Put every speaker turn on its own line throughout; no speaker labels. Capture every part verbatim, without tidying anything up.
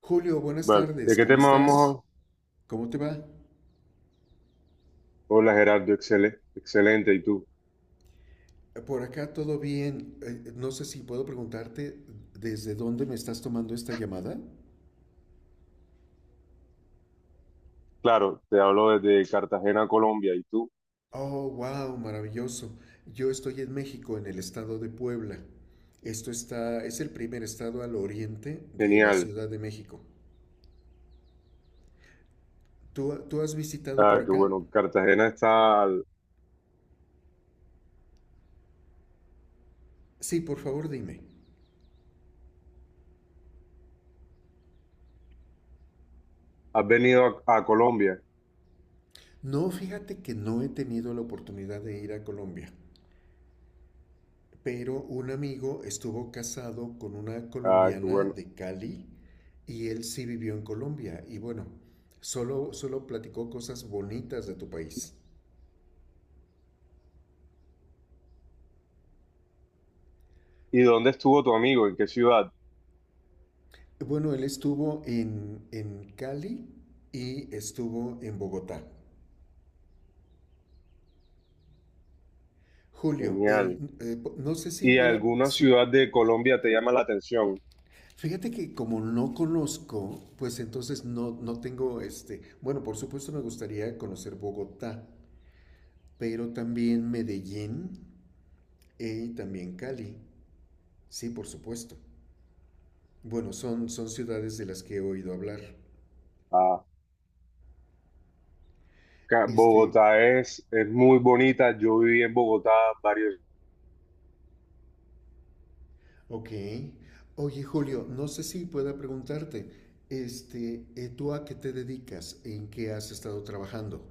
Julio, buenas
Vale, ¿de
tardes,
qué
¿cómo
tema
estás?
vamos?
¿Cómo te va?
Hola Gerardo, excele- excelente. ¿Y tú?
Por acá todo bien. Eh, no sé si puedo preguntarte desde dónde me estás tomando esta llamada.
Claro, te hablo desde Cartagena, Colombia. ¿Y tú?
Oh, wow, maravilloso. Yo estoy en México, en el estado de Puebla. Esto está, es el primer estado al oriente de la
Genial.
Ciudad de México. ¿Tú, tú has visitado por
Ah, qué
acá?
bueno. Cartagena está al-
Sí, por favor, dime.
Has venido a, a Colombia.
No, fíjate que no he tenido la oportunidad de ir a Colombia. Pero un amigo estuvo casado con una
Ah, qué
colombiana
bueno.
de Cali y él sí vivió en Colombia. Y bueno, solo, solo platicó cosas bonitas de tu país.
¿Y dónde estuvo tu amigo? ¿En qué ciudad?
Bueno, él estuvo en, en Cali y estuvo en Bogotá. Julio, eh,
Genial.
eh, po- no sé si
¿Y
pueda...
alguna
si-
ciudad de Colombia te llama la atención?
Fíjate que como no conozco, pues entonces no, no tengo este... Bueno, por supuesto me gustaría conocer Bogotá, pero también Medellín e, y también Cali. Sí, por supuesto. Bueno, son, son ciudades de las que he oído hablar.
Ah, ca-
Este,
Bogotá es, es muy bonita. Yo viví en Bogotá varios...
ok. Oye, Julio, no sé si pueda preguntarte, este, eh, ¿tú a qué te dedicas? ¿En qué has estado trabajando?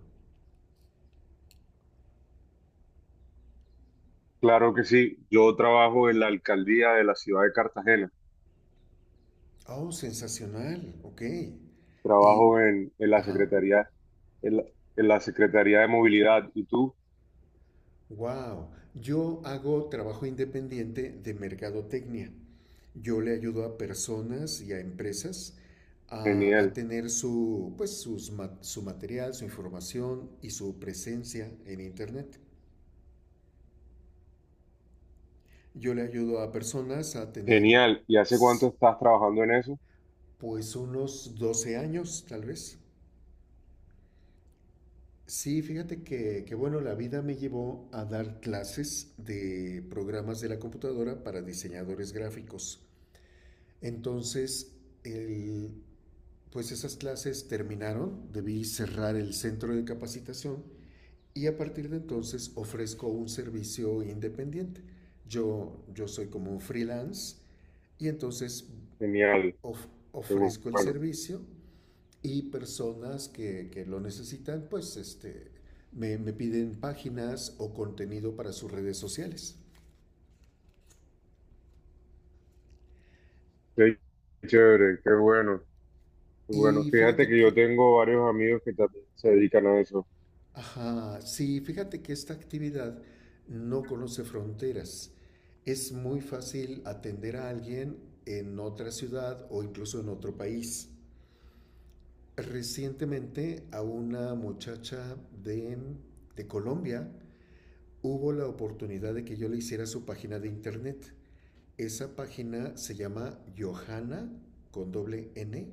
Claro que sí. Yo trabajo en la alcaldía de la ciudad de Cartagena.
Oh, sensacional, ok. Y,
Trabajo en, en la
ajá.
Secretaría, en la, en la Secretaría de Movilidad. ¿Y tú?
Wow, yo hago trabajo independiente de mercadotecnia. Yo le ayudo a personas y a empresas a, a
Genial,
tener su, pues, sus ma- su material, su información y su presencia en Internet. Yo le ayudo a personas a tener,
genial. ¿Y hace cuánto
s-
estás trabajando en eso?
pues, unos doce años, tal vez. Sí, fíjate que, que, bueno, la vida me llevó a dar clases de programas de la computadora para diseñadores gráficos. Entonces, el, pues esas clases terminaron, debí cerrar el centro de capacitación y a partir de entonces ofrezco un servicio independiente. Yo, yo soy como un freelance y entonces
Genial,
of,
qué bu-
ofrezco el
bueno,
servicio y personas que, que lo necesitan, pues este, me, me piden páginas o contenido para sus redes sociales.
qué chévere, qué bueno, qué bueno.
Y
Fíjate
fíjate
que yo
que
tengo varios amigos que también se dedican a eso.
Ajá, sí, fíjate que esta actividad no conoce fronteras. Es muy fácil atender a alguien en otra ciudad o incluso en otro país. Recientemente a una muchacha de, de Colombia hubo la oportunidad de que yo le hiciera su página de internet. Esa página se llama Johanna con doble ene,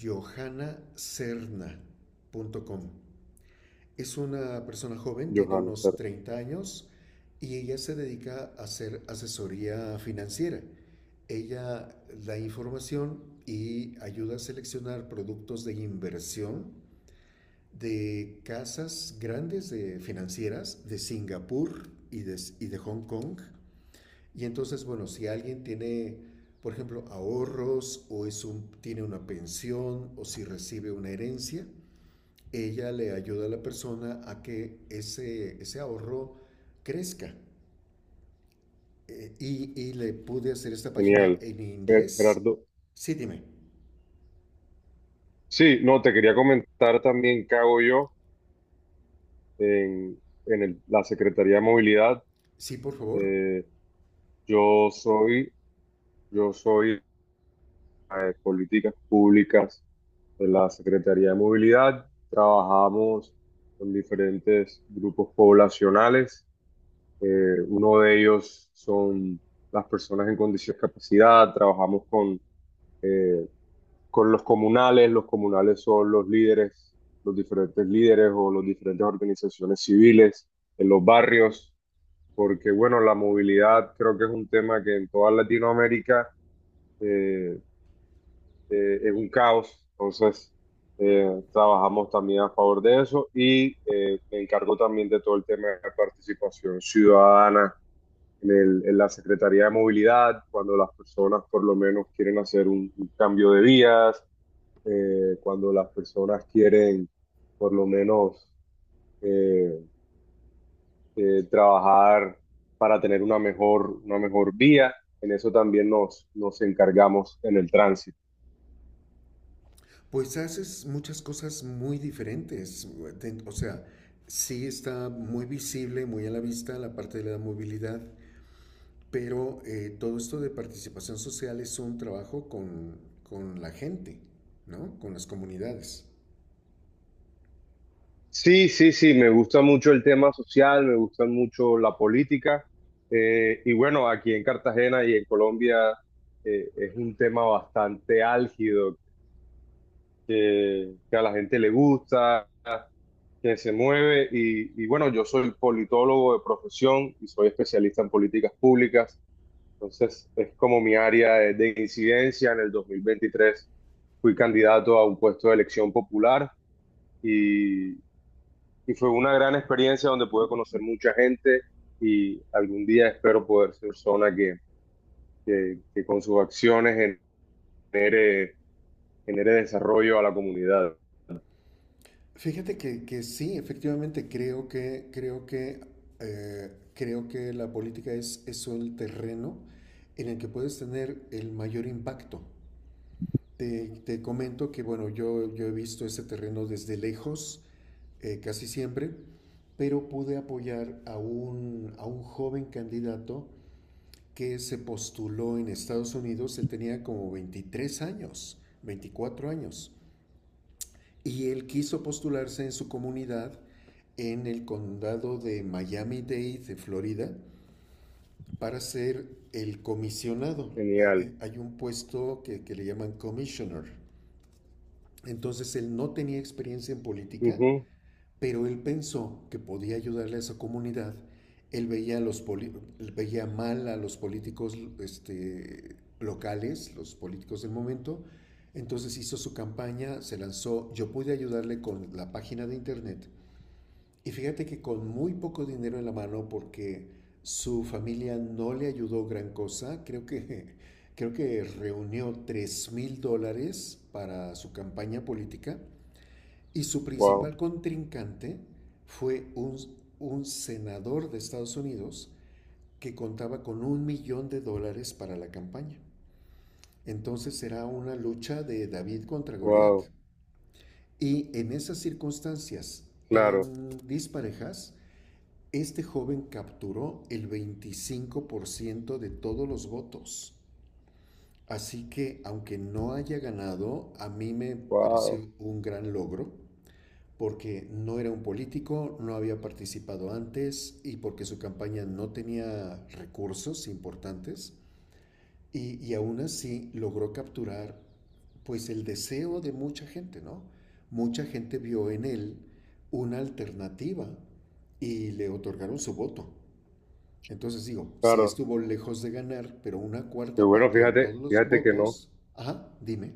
johanacerna punto com. Es una persona joven, tiene
Johanna,
unos
Sara.
treinta años y ella se dedica a hacer asesoría financiera. Ella da información y ayuda a seleccionar productos de inversión de casas grandes de financieras de Singapur y de, y de Hong Kong. Y entonces, bueno, si alguien tiene, por ejemplo, ahorros o es un, tiene una pensión o si recibe una herencia, ella le ayuda a la persona a que ese, ese ahorro crezca. Eh, y, y le pude hacer esta página
Genial.
en
Ger-
inglés.
Gerardo.
Sí, dime.
Sí, no, te quería comentar también qué hago yo en, en el- la Secretaría de Movilidad.
Sí, por favor.
Eh, yo soy, yo soy de políticas públicas de la Secretaría de Movilidad. Trabajamos con diferentes grupos poblacionales. Eh, uno de ellos son las personas en condición de discapacidad. Trabajamos con, eh, con los comunales. Los comunales son los líderes, los diferentes líderes o las diferentes organizaciones civiles en los barrios, porque bueno, la movilidad creo que es un tema que en toda Latinoamérica eh, eh, es un caos. Entonces, eh, trabajamos también a favor de eso y eh, me encargo también de todo el tema de participación ciudadana en, el- en la Secretaría de Movilidad, cuando las personas por lo menos quieren hacer un, un cambio de vías, eh, cuando las personas quieren por lo menos eh, eh, trabajar para tener una mejor, una mejor vía. En eso también nos, nos encargamos en el tránsito.
Pues haces muchas cosas muy diferentes. O sea, sí está muy visible, muy a la vista la parte de la movilidad, pero eh, todo esto de participación social es un trabajo con, con la gente, ¿no? Con las comunidades.
Sí, sí, sí, me gusta mucho el tema social, me gusta mucho la política. eh, y bueno, aquí en Cartagena y en Colombia eh, es un tema bastante álgido, que, que a la gente le gusta, que se mueve. Y, y bueno, yo soy politólogo de profesión y soy especialista en políticas públicas. Entonces, es como mi área de, de incidencia. En el dos mil veintitrés fui candidato a un puesto de elección popular y fue una gran experiencia donde pude conocer mucha gente y algún día espero poder ser persona que, que, que con sus acciones genere, genere desarrollo a la comunidad.
Fíjate que, que sí, efectivamente, creo que, creo que, eh, creo que la política es, es el terreno en el que puedes tener el mayor impacto. Te, te comento que, bueno, yo, yo he visto ese terreno desde lejos, eh, casi siempre, pero pude apoyar a un, a un joven candidato que se postuló en Estados Unidos. Él tenía como veintitrés años, veinticuatro años y él quiso postularse en su comunidad en el condado de Miami-Dade, de Florida, para ser el comisionado.
Genial.
Hay un puesto que, que le llaman commissioner. Entonces él no tenía experiencia en política,
Ujú.
pero él pensó que podía ayudarle a esa comunidad. Él veía, los poli- veía mal a los políticos este, locales, los políticos del momento. Entonces hizo su campaña, se lanzó. Yo pude ayudarle con la página de internet. Y fíjate que con muy poco dinero en la mano, porque su familia no le ayudó gran cosa, creo que, creo que reunió tres mil dólares para su campaña política y su principal
Wow,
contrincante fue un, un senador de Estados Unidos que contaba con un millón de dólares para la campaña. Entonces era una lucha de David contra Goliat.
wow,
Y en esas circunstancias
claro,
tan disparejas, este joven capturó el veinticinco por ciento de todos los votos. Así que aunque no haya ganado, a mí me
wow,
pareció un gran logro porque no era un político, no había participado antes y porque su campaña no tenía recursos importantes y, y aún así logró capturar pues el deseo de mucha gente, ¿no? Mucha gente vio en él una alternativa y le otorgaron su voto. Entonces digo, sí
claro.
estuvo lejos de ganar, pero una
Pero
cuarta
bueno,
parte de todos
fíjate,
los
fíjate que no,
votos, ajá, dime.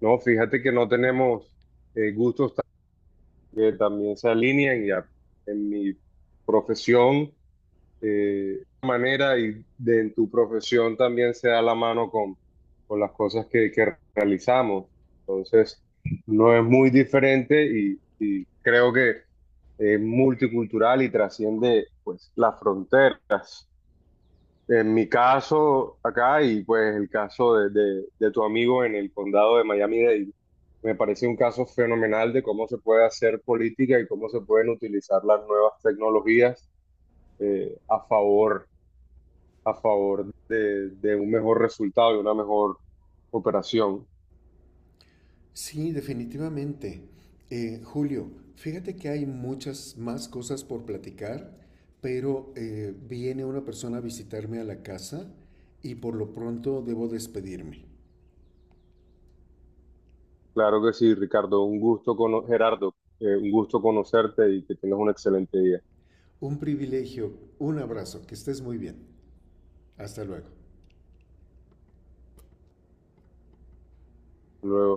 no, fíjate que no tenemos eh, gustos ta- que también se alinean ya en mi profesión. eh, manera y de en tu profesión también se da la mano con, con las cosas que, que realizamos. Entonces, no es muy diferente y, y creo que es multicultural y trasciende pues la frontera. En mi caso acá y pues el caso de, de- de tu amigo en el condado de Miami-Dade, me parece un caso fenomenal de cómo se puede hacer política y cómo se pueden utilizar las nuevas tecnologías eh, a favor a favor de, de un mejor resultado y una mejor operación.
Sí, definitivamente. Eh, Julio, fíjate que hay muchas más cosas por platicar, pero eh, viene una persona a visitarme a la casa y por lo pronto debo despedirme.
Claro que sí, Ricardo, un gusto cono- Gerardo, eh, un gusto conocerte y que tengas un excelente día.
Un privilegio, un abrazo, que estés muy bien. Hasta luego.
Hasta luego.